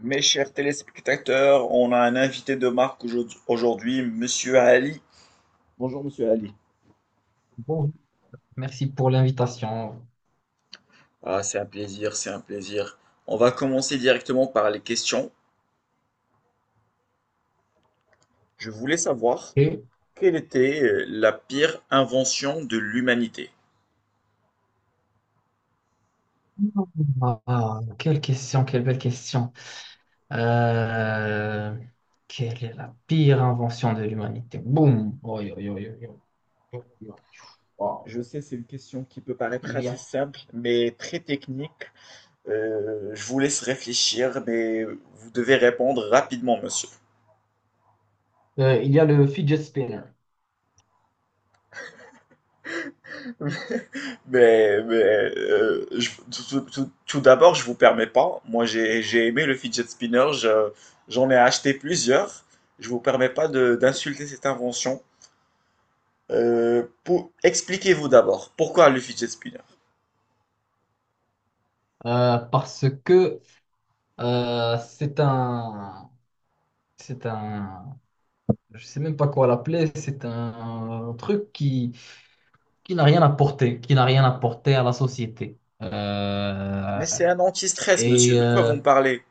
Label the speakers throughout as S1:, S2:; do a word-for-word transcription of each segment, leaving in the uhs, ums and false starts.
S1: Mes chers téléspectateurs, on a un invité de marque aujourd- aujourd'hui, Monsieur Ali. Bonjour Monsieur Ali.
S2: Bon, merci pour l'invitation.
S1: Ah, c'est un plaisir, c'est un plaisir. On va commencer directement par les questions. Je voulais savoir
S2: Et...
S1: quelle était euh, la pire invention de l'humanité.
S2: Ah, quelle question, quelle belle question. Euh, Quelle est la pire invention de l'humanité? Boum. Oi, oi, oi, oi, oi, oi, oi. Wow.
S1: Je sais, c'est une question qui peut paraître
S2: Il y
S1: assez
S2: a,
S1: simple, mais très technique. Euh, je vous laisse réfléchir, mais vous devez répondre rapidement, monsieur.
S2: euh, il y a le fidget spinner.
S1: Mais, mais euh, je- tout, tout- tout- tout d'abord, je vous permets pas. Moi, j'ai, j'ai aimé le fidget spinner. Je- j'en ai acheté plusieurs. Je vous permets pas de- d'insulter cette invention. Euh, pour, expliquez-vous d'abord pourquoi le fidget spinner.
S2: Euh, parce que euh, c'est un, c'est un, je sais même pas quoi l'appeler, c'est un truc qui, qui n'a rien apporté, qui n'a rien apporté à la société. Euh,
S1: Mais c'est un anti-stress, monsieur.
S2: et
S1: De quoi vous
S2: euh,
S1: me parlez?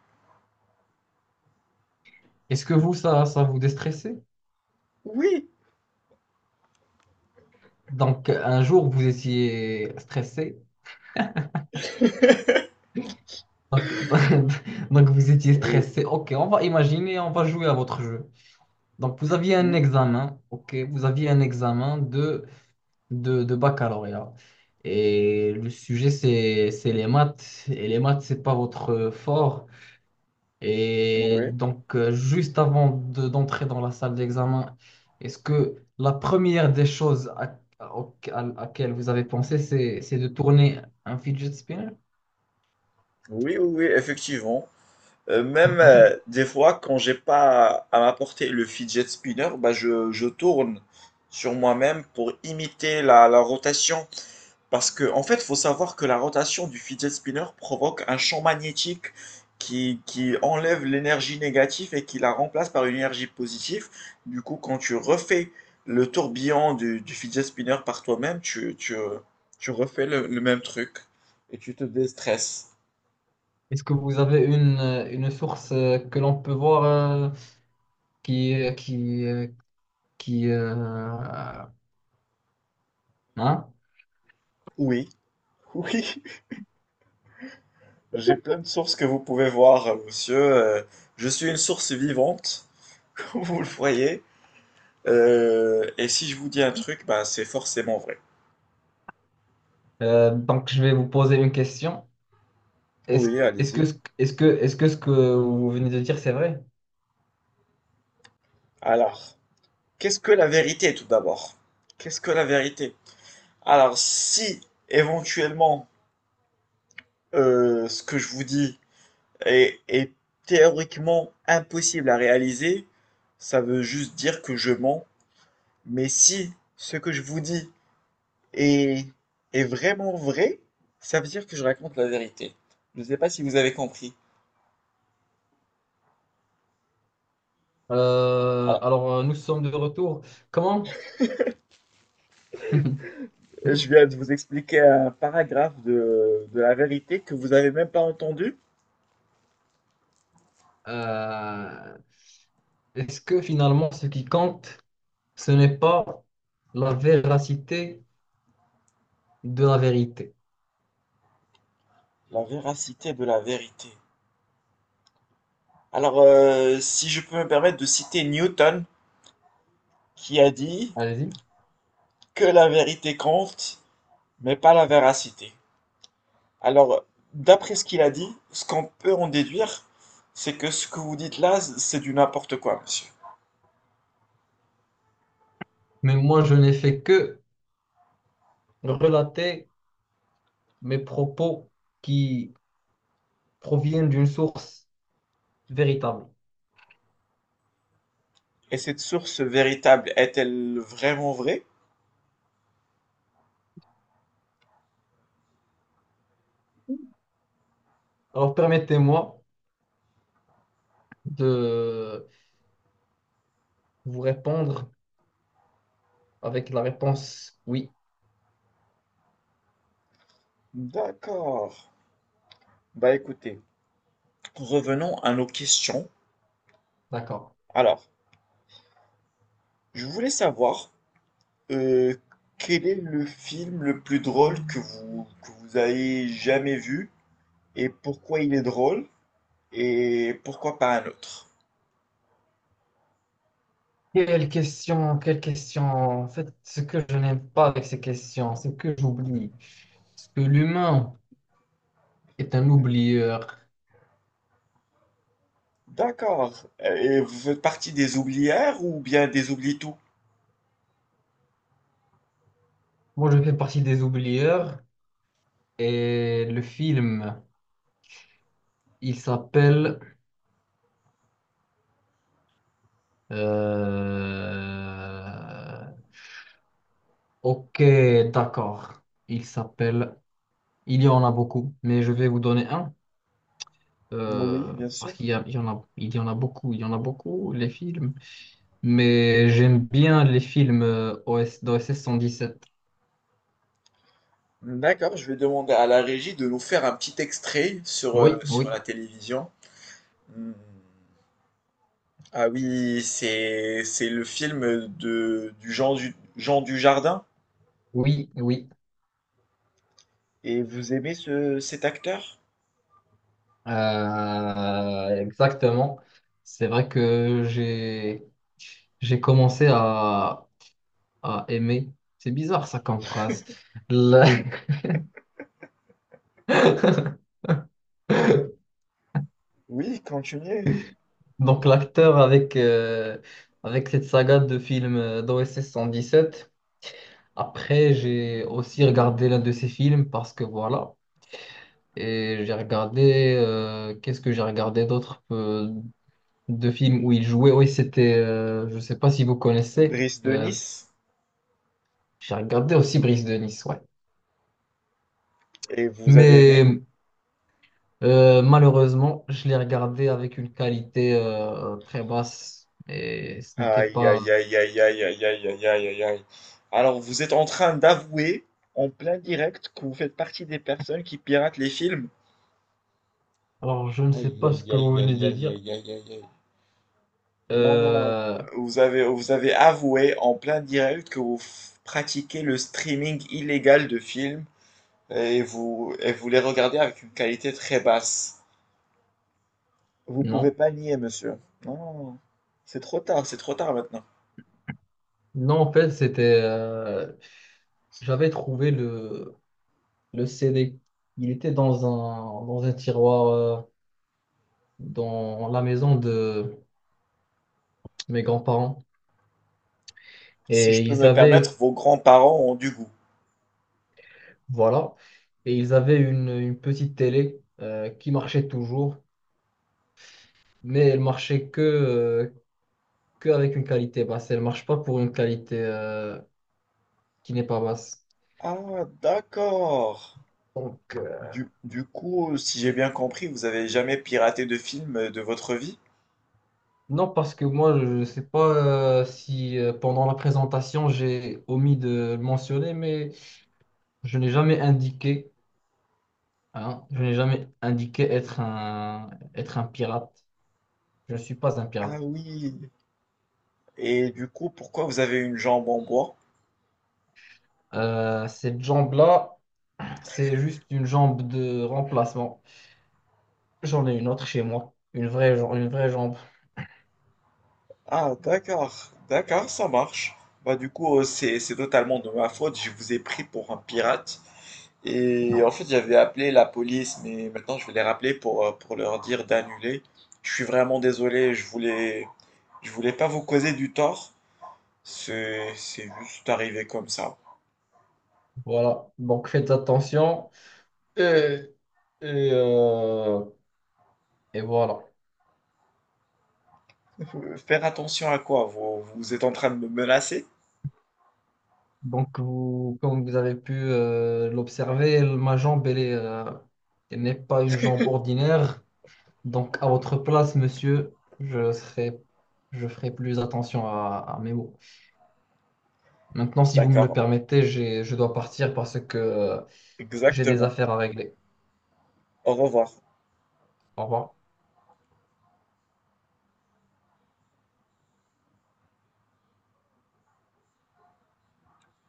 S2: est-ce que vous, ça, ça vous déstressait?
S1: Oui.
S2: Donc, un jour, vous étiez stressé. Donc, donc, vous étiez
S1: Oui.
S2: stressé. OK, on va imaginer, on va jouer à votre jeu. Donc, vous aviez un
S1: Oui.
S2: examen. OK, vous aviez un examen de, de, de baccalauréat. Et le sujet, c'est, c'est les maths. Et les maths, c'est pas votre fort. Et
S1: Oui.
S2: donc, euh, juste avant de- d'entrer dans la salle d'examen, est-ce que la première des choses à, à- au- à à laquelle vous avez pensé, c'est, c'est de tourner un fidget spinner?
S1: Oui. Oui. Oui, effectivement. Euh, même euh, Des fois, quand j'ai pas à m'apporter le fidget spinner, bah je, je tourne sur moi-même pour imiter la, la rotation. Parce que, en fait, faut savoir que la rotation du fidget spinner provoque un champ magnétique qui, qui enlève l'énergie négative et qui la remplace par une énergie positive. Du coup, quand tu refais le tourbillon du, du fidget spinner par toi-même, tu, tu, tu refais le, le même truc et tu te déstresses.
S2: Est-ce que vous avez une, euh, une source euh, que l'on peut voir euh, qui, euh, qui, euh, qui euh, hein?
S1: Oui. Oui. J'ai plein de sources que vous pouvez voir, euh, monsieur. Euh, je suis une source vivante, comme vous le voyez. Euh, et si je vous dis un truc, bah, c'est forcément vrai.
S2: Euh, donc, je vais vous poser une question. Est-ce,
S1: Oui,
S2: est-ce
S1: allez-y.
S2: que, ce- est-ce que, est-ce que ce que vous venez de dire, c'est vrai?
S1: Alors, qu'est-ce que la vérité tout d'abord? Qu'est-ce que la vérité? Alors, si éventuellement euh, ce que je vous dis est, est théoriquement impossible à réaliser, ça veut juste dire que je mens. Mais si ce que je vous dis Et, et vraiment vrai, ça veut dire que je raconte la vérité. Je ne sais pas si vous avez compris.
S2: Euh,
S1: Alors,
S2: alors, euh, nous sommes de retour. Comment?
S1: je viens de vous expliquer un paragraphe de, de la vérité que vous n'avez même pas entendu.
S2: Euh, Est-ce que finalement, ce qui compte, ce n'est pas la véracité de la vérité?
S1: La véracité de la vérité. Alors, euh, si je peux me permettre de citer Newton, qui a dit
S2: Allez-y.
S1: que la vérité compte, mais pas la véracité. Alors, d'après ce qu'il a dit, ce qu'on peut en déduire, c'est que ce que vous dites là, c'est du n'importe quoi, monsieur.
S2: Mais moi, je n'ai fait que relater mes propos qui proviennent d'une source véritable.
S1: Et cette source véritable est-elle vraiment vraie?
S2: Alors permettez-moi de vous répondre avec la réponse oui.
S1: D'accord. Bah écoutez, revenons à nos questions.
S2: D'accord.
S1: Alors, je voulais savoir euh, quel est le film le plus drôle que vous, que vous ayez jamais vu et pourquoi il est drôle et pourquoi pas un autre.
S2: Quelle question, quelle question. En fait, ce que je n'aime pas avec ces questions, c'est que j'oublie. Parce que l'humain est un oublieur.
S1: D'accord. Et vous faites partie des oublières ou bien des oublie-tout?
S2: Moi, je fais partie des oublieurs et le film, il s'appelle... euh, Ok, d'accord. Il s'appelle... Il y en a beaucoup, mais je vais vous donner un.
S1: Oui,
S2: Euh,
S1: bien sûr.
S2: parce qu'il y a- Il y en a, il y en a beaucoup, il y en a beaucoup, les films. Mais j'aime bien les films euh, O S, d'O S S cent dix-sept.
S1: D'accord, je vais demander à la régie de nous faire un petit extrait sur, euh,
S2: Oui,
S1: sur
S2: oui,
S1: la télévision. Mmh. Ah oui, c'est c'est le film de du Jean du Jean Dujardin.
S2: oui, oui.
S1: Et vous aimez ce cet acteur?
S2: Euh, exactement. C'est vrai que j'ai, j'ai commencé à, à aimer. C'est bizarre ça comme phrase. La-
S1: Oui, continuez.
S2: Donc l'acteur avec, euh, avec cette saga de films d'O S S cent dix-sept. Après, j'ai aussi regardé l'un de ses films parce que voilà. Et j'ai regardé, euh, qu'est-ce que j'ai regardé d'autres de films où il jouait? Oui, c'était, euh, je sais pas si vous connaissez,
S1: Brice de
S2: euh,
S1: Nice.
S2: j'ai regardé aussi Brise de Nice, ouais.
S1: Et vous avez aimé?
S2: Mais euh, malheureusement, je l'ai regardé avec une qualité euh, très basse et ce n'était
S1: Aïe
S2: pas.
S1: aïe aïe aïe aïe aïe aïe aïe aïe aïe aïe. Alors vous êtes en train d'avouer en plein direct que vous faites partie des personnes qui piratent les films?
S2: Alors, je ne sais
S1: Aïe
S2: pas ce
S1: aïe
S2: que
S1: aïe
S2: vous venez
S1: aïe aïe
S2: de
S1: aïe
S2: dire.
S1: aïe aïe aïe. Non, non, non.
S2: Euh,
S1: Vous avez, vous avez avoué en plein direct que vous f- pratiquez le streaming illégal de films et vous, et vous les regardez avec une qualité très basse. Vous pouvez
S2: non.
S1: pas nier, monsieur. Non, non, non. C'est trop tard, c'est trop tard maintenant.
S2: Non, en fait, c'était. Euh, J'avais trouvé le le C D. Il était dans un, dans un tiroir euh, dans la maison de mes grands-parents.
S1: Si
S2: Et
S1: je peux
S2: ils
S1: me permettre,
S2: avaient,
S1: vos grands-parents ont du goût.
S2: voilà, et ils avaient une, une petite télé euh, qui marchait toujours, mais elle marchait que, euh, que avec une qualité basse. Elle marche pas pour une qualité euh, qui n'est pas basse.
S1: Ah, d'accord.
S2: Donc, euh,
S1: Du, du coup, si j'ai bien compris, vous avez jamais piraté de film de votre vie?
S2: non, parce que moi, je ne sais pas euh, si euh, pendant la présentation, j'ai omis de le mentionner, mais je n'ai jamais indiqué, hein, je n'ai jamais indiqué être un, être un pirate. Je ne suis pas un
S1: Ah
S2: pirate.
S1: oui. Et du coup, pourquoi vous avez une jambe en bois?
S2: Euh, cette jambe-là, c'est juste une jambe de remplacement. J'en ai une autre chez moi. Une vraie, jam- une vraie jambe.
S1: Ah, d'accord, d'accord, ça marche. Bah, du coup, euh, c'est, c'est totalement de ma faute. Je vous ai pris pour un pirate. Et
S2: Non.
S1: en fait, j'avais appelé la police, mais maintenant je vais les rappeler pour, euh, pour leur dire d'annuler. Je suis vraiment désolé, je voulais, je voulais pas vous causer du tort. C'est, c'est juste arrivé comme ça.
S2: Voilà. Donc faites attention. Et, et, euh, et voilà.
S1: Euh, Faire attention à quoi? Vous, vous êtes en train de me menacer?
S2: Donc, vous, comme vous avez pu euh, l'observer, ma jambe, elle est, euh, elle n'est pas une jambe ordinaire. Donc, à votre place, monsieur, je serai, je ferai plus attention à, à mes mots. Maintenant, si vous me le
S1: D'accord,
S2: permettez, j'ai- je dois partir parce que euh, j'ai des
S1: exactement.
S2: affaires à régler.
S1: Au revoir.
S2: Au revoir.